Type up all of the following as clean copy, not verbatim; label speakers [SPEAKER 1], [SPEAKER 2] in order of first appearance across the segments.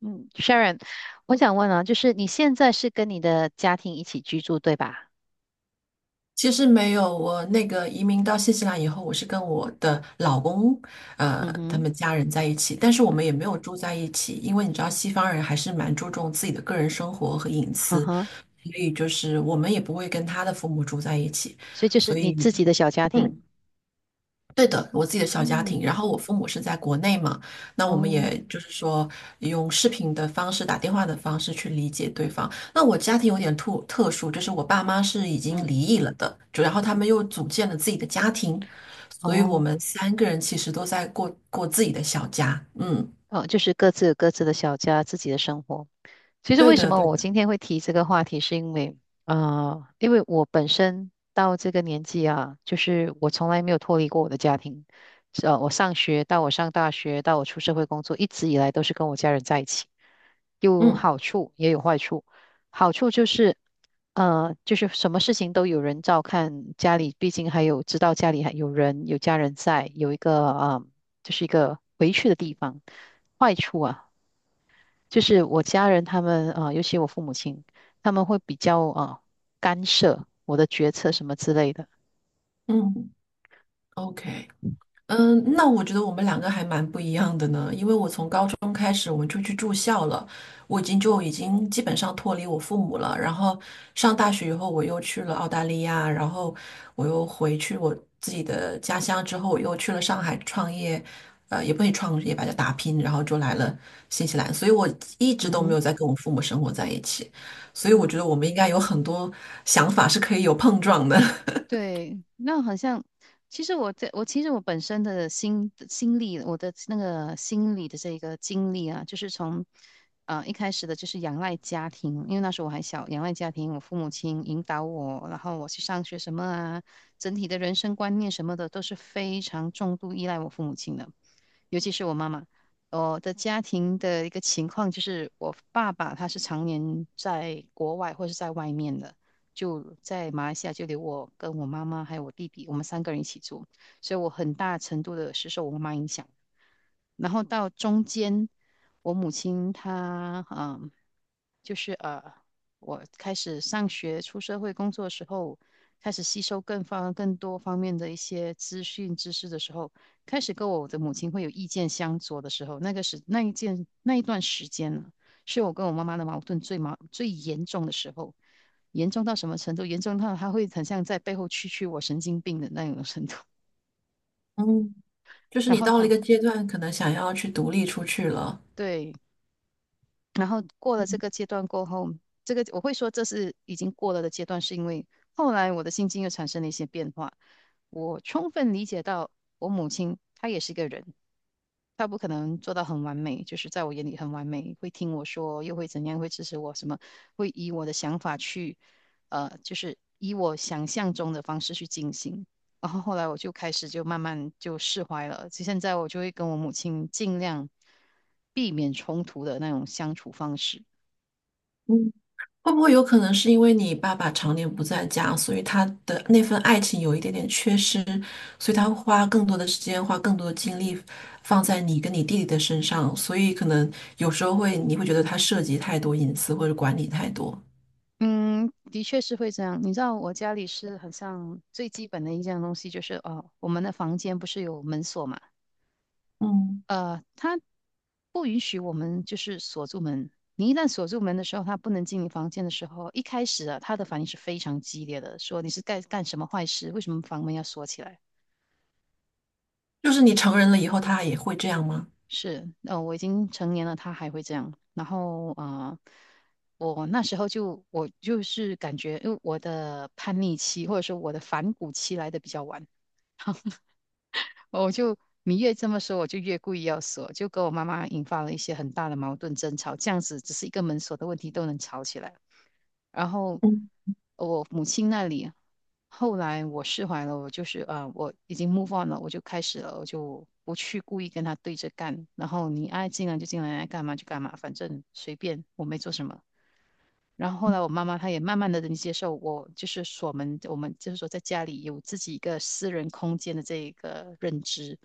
[SPEAKER 1] 嗯，Sharon，我想问啊，就是你现在是跟你的家庭一起居住，对吧？
[SPEAKER 2] 其实没有，我那个移民到新西兰以后，我是跟我的老公，
[SPEAKER 1] 嗯
[SPEAKER 2] 他
[SPEAKER 1] 哼。
[SPEAKER 2] 们家人在一起，但是我们也没有住在一起，因为你知道西方人还是蛮注重自己的个人生活和隐
[SPEAKER 1] 嗯
[SPEAKER 2] 私，
[SPEAKER 1] 哼。
[SPEAKER 2] 所以就是我们也不会跟他的父母住在一起，
[SPEAKER 1] 所以就是
[SPEAKER 2] 所
[SPEAKER 1] 你自
[SPEAKER 2] 以。
[SPEAKER 1] 己的小家
[SPEAKER 2] 嗯。
[SPEAKER 1] 庭。
[SPEAKER 2] 对的，我自己的小家庭，
[SPEAKER 1] 嗯。
[SPEAKER 2] 然后我父母是在国内嘛，那我们
[SPEAKER 1] 哦。
[SPEAKER 2] 也就是说用视频的方式、打电话的方式去理解对方。那我家庭有点特殊，就是我爸妈是已经
[SPEAKER 1] 嗯
[SPEAKER 2] 离异了的，就然后他
[SPEAKER 1] 嗯。
[SPEAKER 2] 们又组建了自己的家庭，所以我
[SPEAKER 1] 哦
[SPEAKER 2] 们三个人其实都在过自己的小家。嗯，
[SPEAKER 1] 哦，就是各自有各自的小家，自己的生活。其实
[SPEAKER 2] 对
[SPEAKER 1] 为什
[SPEAKER 2] 的，
[SPEAKER 1] 么
[SPEAKER 2] 对
[SPEAKER 1] 我
[SPEAKER 2] 的，
[SPEAKER 1] 今天会提这个话题，是因为我本身到这个年纪啊，就是我从来没有脱离过我的家庭。我上学到我上大学到我出社会工作，一直以来都是跟我家人在一起。有
[SPEAKER 2] 嗯
[SPEAKER 1] 好处也有坏处。好处就是，什么事情都有人照看，家里毕竟还有知道家里还有人有家人在，有一个就是一个回去的地方。坏处啊，就是我家人他们尤其我父母亲，他们会比较干涉我的决策什么之类的。
[SPEAKER 2] 嗯，OK。嗯，那我觉得我们两个还蛮不一样的呢，因为我从高中开始我们就去住校了，我已经基本上脱离我父母了。然后上大学以后，我又去了澳大利亚，然后我又回去我自己的家乡，之后我又去了上海创业，也不能创业吧，就打拼，然后就来了新西兰，所以我一
[SPEAKER 1] Hı
[SPEAKER 2] 直都没
[SPEAKER 1] hı。
[SPEAKER 2] 有在跟我父母生活在一起，所以我
[SPEAKER 1] Aa。
[SPEAKER 2] 觉得我们应该有很多想法是可以有碰撞的。
[SPEAKER 1] 对，那好像，其实我其实我本身的心理，我的那个心理的这个经历啊，就是从一开始的就是仰赖家庭，因为那时候我还小，仰赖家庭，我父母亲引导我，然后我去上学什么啊，整体的人生观念什么的都是非常重度依赖我父母亲的。尤其是我妈妈，我的家庭的一个情况就是，我爸爸他是常年在国外或是在外面的，就在马来西亚就留我跟我妈妈还有我弟弟，我们三个人一起住，所以我很大程度的是受我妈妈影响。然后到中间，我母亲她就是呃，我开始上学、出社会工作的时候，开始吸收更多方面的一些资讯知识的时候，开始跟我的母亲会有意见相左的时候，那个时那一件那一段时间呢，是我跟我妈妈的矛盾最严重的时候，严重到什么程度？严重到她会很像在背后蛐蛐我神经病的那种程度。
[SPEAKER 2] 嗯，就是
[SPEAKER 1] 然
[SPEAKER 2] 你
[SPEAKER 1] 后
[SPEAKER 2] 到了一
[SPEAKER 1] 到
[SPEAKER 2] 个阶段，可能想要去独立出去了。
[SPEAKER 1] 对，然后过了这个阶段过后，这个我会说这是已经过了的阶段，是因为后来我的心境又产生了一些变化。我充分理解到我母亲她也是一个人，他不可能做到很完美，就是在我眼里很完美，会听我说，又会怎样，会支持我什么，会以我的想法去，就是以我想象中的方式去进行。然后后来我就开始就慢慢就释怀了，就现在我就会跟我母亲尽量避免冲突的那种相处方式。
[SPEAKER 2] 嗯，会不会有可能是因为你爸爸常年不在家，所以他的那份爱情有一点点缺失，所以他会花更多的时间，花更多的精力放在你跟你弟弟的身上，所以可能有时候会你会觉得他涉及太多隐私或者管理太多。
[SPEAKER 1] 嗯，的确是会这样。你知道我家里是很像最基本的一件东西，就是哦，我们的房间不是有门锁嘛？
[SPEAKER 2] 嗯
[SPEAKER 1] 他不允许我们就是锁住门。你一旦锁住门的时候，他不能进你房间的时候，一开始啊，他的反应是非常激烈的，说你是干什么坏事？为什么房门要锁起来？
[SPEAKER 2] 就是你成人了以后，他也会这样吗？
[SPEAKER 1] 是，我已经成年了，他还会这样。然后我那时候就我就是感觉，因为我的叛逆期或者说我的反骨期来的比较晚，我就你越这么说，我就越故意要锁，就跟我妈妈引发了一些很大的矛盾争吵。这样子只是一个门锁的问题都能吵起来。然后我母亲那里，后来我释怀了，我就是我已经 move on 了，我就开始了，我就不去故意跟他对着干。然后你爱进来就进来，爱干嘛就干嘛，反正随便，我没做什么。然后后来我妈妈她也慢慢的能接受我，就是锁门，我们就是说在家里有自己一个私人空间的这一个认知。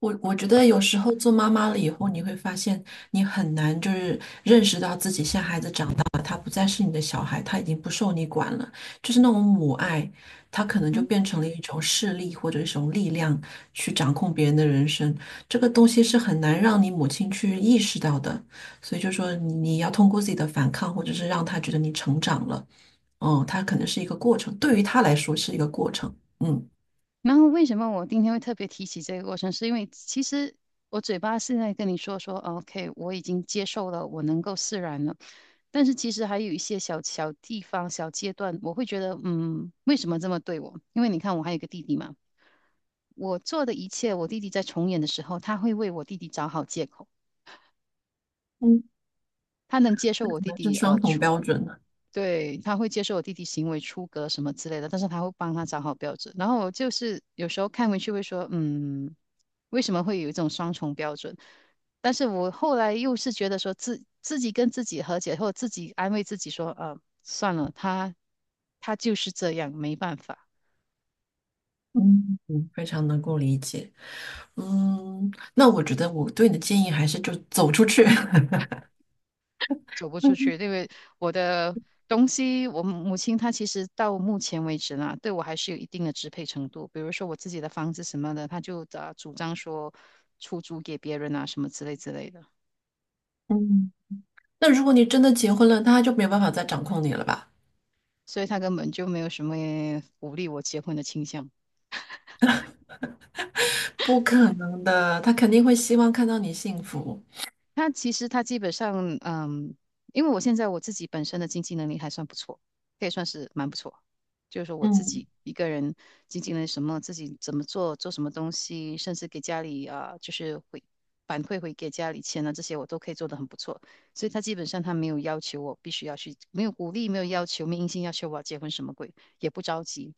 [SPEAKER 2] 我觉得有时候做妈妈了以后，你会发现你很难就是认识到自己现在孩子长大了，他不再是你的小孩，他已经不受你管了，就是那种母爱，他可能就
[SPEAKER 1] 嗯。
[SPEAKER 2] 变成了一种势力或者一种力量去掌控别人的人生，这个东西是很难让你母亲去意识到的，所以就说你要通过自己的反抗，或者是让他觉得你成长了，嗯，他可能是一个过程，对于他来说是一个过程，嗯，
[SPEAKER 1] 然后为什么我今天会特别提起这个过程，是因为其实我嘴巴现在跟你说说 OK 我已经接受了，我能够释然了。但是其实还有一些小地方、小阶段，我会觉得，嗯，为什么这么对我？因为你看，我还有一个弟弟嘛，我做的一切，我弟弟在重演的时候，他会为我弟弟找好借口，
[SPEAKER 2] 嗯。
[SPEAKER 1] 他能接受
[SPEAKER 2] 那可
[SPEAKER 1] 我弟
[SPEAKER 2] 能
[SPEAKER 1] 弟
[SPEAKER 2] 是双重标准。
[SPEAKER 1] 对，他会接受我弟弟行为出格什么之类的，但是他会帮他找好标准。然后我就是有时候看回去会说，嗯，为什么会有一种双重标准？但是我后来又是觉得说自己跟自己和解，或者自己安慰自己说，算了，他就是这样，没办法。
[SPEAKER 2] 嗯，嗯非常能够理解。嗯，那我觉得我对你的建议还是就走出去。
[SPEAKER 1] 走不出去，因为我的东西，我母亲她其实到目前为止呢，对我还是有一定的支配程度。比如说我自己的房子什么的，她就主张说出租给别人啊，什么之类的，
[SPEAKER 2] 嗯，那如果你真的结婚了，他就没有办法再掌控你了吧？
[SPEAKER 1] 所以她根本就没有什么鼓励我结婚的倾向。
[SPEAKER 2] 不可能的，他肯定会希望看到你幸福。
[SPEAKER 1] 它其实他基本上，嗯，因为我现在我自己本身的经济能力还算不错，可以算是蛮不错。就是说我自己
[SPEAKER 2] 嗯
[SPEAKER 1] 一个人经济能力什么，自己怎么做，做什么东西，甚至给家里啊，就是会反馈回给家里钱啊，这些我都可以做得很不错。所以他基本上他没有要求我必须要去，没有鼓励，没有要求，没硬性要求我要结婚什么鬼。也不着急。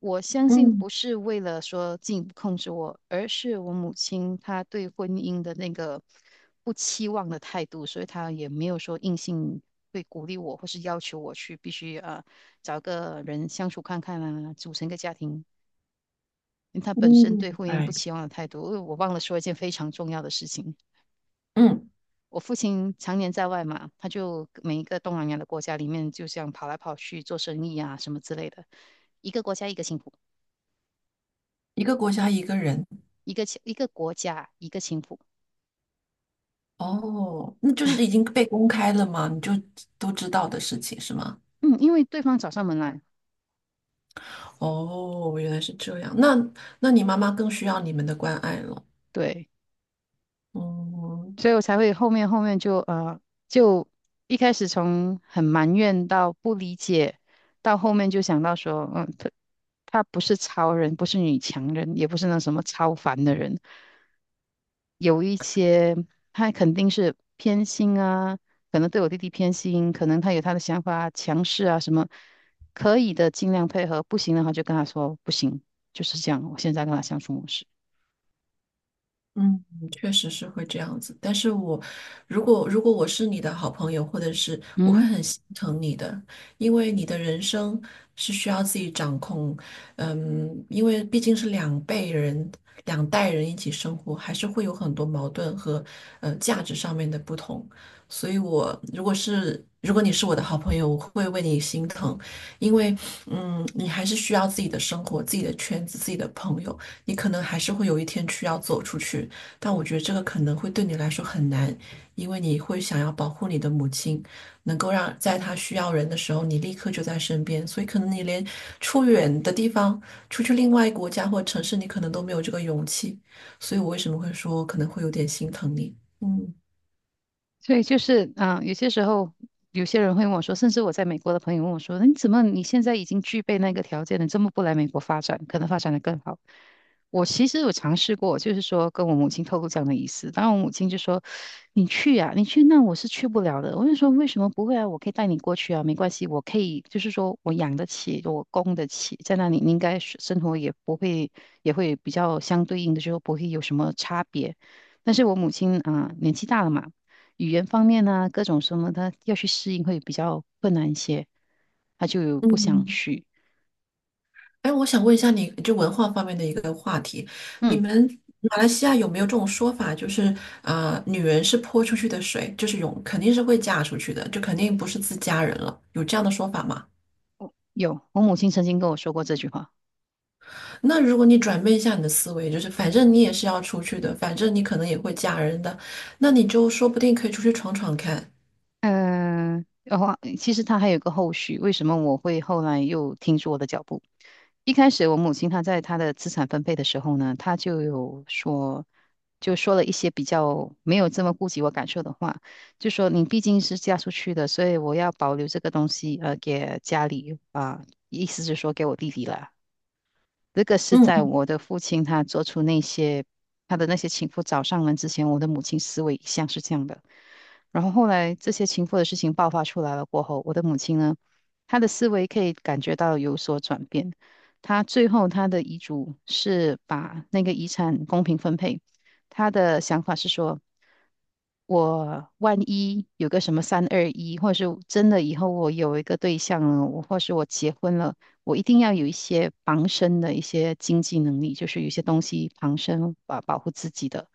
[SPEAKER 1] 我相信
[SPEAKER 2] 嗯
[SPEAKER 1] 不是为了说进一步控制我，而是我母亲她对婚姻的那个不期望的态度，所以她也没有说硬性会鼓励我，或是要求我去必须啊找个人相处看看啊，组成一个家庭。因为她本
[SPEAKER 2] 嗯，
[SPEAKER 1] 身
[SPEAKER 2] 明
[SPEAKER 1] 对婚姻不
[SPEAKER 2] 白
[SPEAKER 1] 期望的态度，因为我忘了说一件非常重要的事情。
[SPEAKER 2] 嗯，
[SPEAKER 1] 我父亲常年在外嘛，他就每一个东南亚的国家里面，就像跑来跑去做生意啊什么之类的，一个国家一个幸福。
[SPEAKER 2] 一个国家一个人。
[SPEAKER 1] 一个国家一个情妇，
[SPEAKER 2] 哦，那就是已经被公开了吗？你就都知道的事情是吗？
[SPEAKER 1] 嗯，因为对方找上门来，
[SPEAKER 2] 哦，原来是这样。那那你妈妈更需要你们的关爱了。
[SPEAKER 1] 对。
[SPEAKER 2] 嗯，
[SPEAKER 1] 所以我才会后面后面就呃，就一开始从很埋怨到不理解，到后面就想到说，嗯，他不是超人，不是女强人，也不是那什么超凡的人，有一些他肯定是偏心啊，可能对我弟弟偏心，可能他有他的想法、强势啊什么，可以的尽量配合，不行的话就跟他说不行，就是这样，我现在跟他相处模式。
[SPEAKER 2] 嗯，确实是会这样子，但是我如果我是你的好朋友，或者是我
[SPEAKER 1] 嗯
[SPEAKER 2] 会
[SPEAKER 1] 哼。
[SPEAKER 2] 很心疼你的，因为你的人生是需要自己掌控，嗯，因为毕竟是两辈人、两代人一起生活，还是会有很多矛盾和价值上面的不同，所以我如果你是我的好朋友，我会为你心疼，因为嗯，你还是需要自己的生活、自己的圈子、自己的朋友。你可能还是会有一天需要走出去，但我觉得这个可能会对你来说很难，因为你会想要保护你的母亲，能够让在她需要人的时候，你立刻就在身边。所以可能你连出远的地方，出去另外一个国家或城市，你可能都没有这个勇气。所以我为什么会说可能会有点心疼你？嗯
[SPEAKER 1] 所以就是，嗯、有些时候有些人会问我说，甚至我在美国的朋友问我说，你怎么你现在已经具备那个条件了，这么不来美国发展，可能发展的更好？我其实有尝试过，就是说跟我母亲透露这样的意思，当然我母亲就说，你去呀、你去那我是去不了的。我就说为什么不会啊？我可以带你过去啊，没关系，我可以，就是说我养得起，我供得起，在那里你应该是生活也不会，也会比较相对应的，就是说不会有什么差别。但是我母亲啊、年纪大了嘛。语言方面啊，各种什么他要去适应会比较困难一些，他就不想
[SPEAKER 2] 嗯，
[SPEAKER 1] 去。
[SPEAKER 2] 哎，我想问一下你，就文化方面的一个话题，你
[SPEAKER 1] 嗯，
[SPEAKER 2] 们马来西亚有没有这种说法，就是啊，女人是泼出去的水，就是永肯定是会嫁出去的，就肯定不是自家人了，有这样的说法吗？
[SPEAKER 1] 有，我母亲曾经跟我说过这句话。
[SPEAKER 2] 那如果你转变一下你的思维，就是反正你也是要出去的，反正你可能也会嫁人的，那你就说不定可以出去闯闯看。
[SPEAKER 1] 嗯、然后其实他还有个后续，为什么我会后来又停住我的脚步？一开始我母亲她在她的资产分配的时候呢，她就有说，就说了一些比较没有这么顾及我感受的话，就说你毕竟是嫁出去的，所以我要保留这个东西，给家里啊、意思是说给我弟弟了。这个是
[SPEAKER 2] 嗯
[SPEAKER 1] 在
[SPEAKER 2] 嗯
[SPEAKER 1] 我的父亲他做出那些他的那些情妇找上门之前，我的母亲思维一向是这样的。然后后来这些情妇的事情爆发出来了过后，我的母亲呢，她的思维可以感觉到有所转变。她最后她的遗嘱是把那个遗产公平分配，她的想法是说。我万一有个什么三二一，或是真的以后我有一个对象了，我或是我结婚了，我一定要有一些防身的一些经济能力，就是有一些东西防身，保护自己的。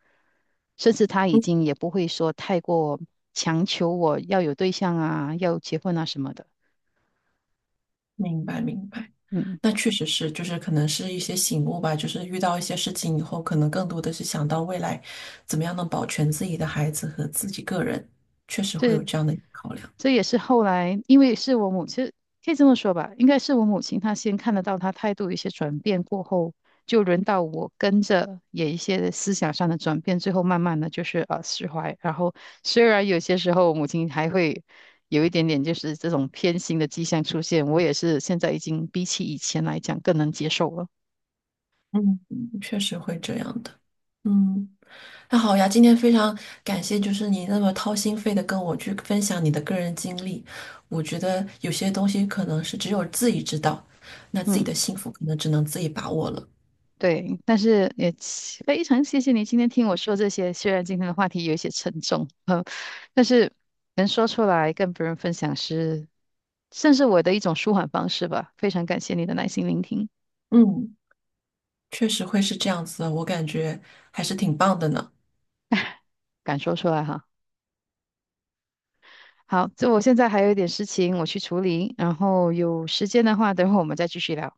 [SPEAKER 1] 甚至他已经也不会说太过强求我要有对象啊，要结婚啊什么的。
[SPEAKER 2] 明白明白。
[SPEAKER 1] 嗯，
[SPEAKER 2] 那确实是，就是可能是一些醒悟吧，就是遇到一些事情以后，可能更多的是想到未来怎么样能保全自己的孩子和自己个人，确实会有这
[SPEAKER 1] 这
[SPEAKER 2] 样的考量，
[SPEAKER 1] 这也是后来，因为是我母亲，可以这么说吧，应该是我母亲她先看得到她态度有一些转变过后，就轮到我跟着也一些思想上的转变，最后慢慢的就是释怀。然后虽然有些时候母亲还会有一点点就是这种偏心的迹象出现，我也是现在已经比起以前来讲更能接受了。
[SPEAKER 2] 嗯，嗯确实会这样的。嗯，那好呀，今天非常感谢，就是你那么掏心肺的跟我去分享你的个人经历，我觉得有些东西可能是只有自己知道，那自己
[SPEAKER 1] 嗯。
[SPEAKER 2] 的幸福可能只能自己把握了。
[SPEAKER 1] 对，但是也非常谢谢你今天听我说这些。虽然今天的话题有一些沉重，但是能说出来跟别人分享是，算是我的一种舒缓方式吧。非常感谢你的耐心聆听，
[SPEAKER 2] 嗯，确实会是这样子的，我感觉还是挺棒的呢。
[SPEAKER 1] 敢说出来哈。好，就我现在还有一点事情我去处理，然后有时间的话，等会我们再继续聊。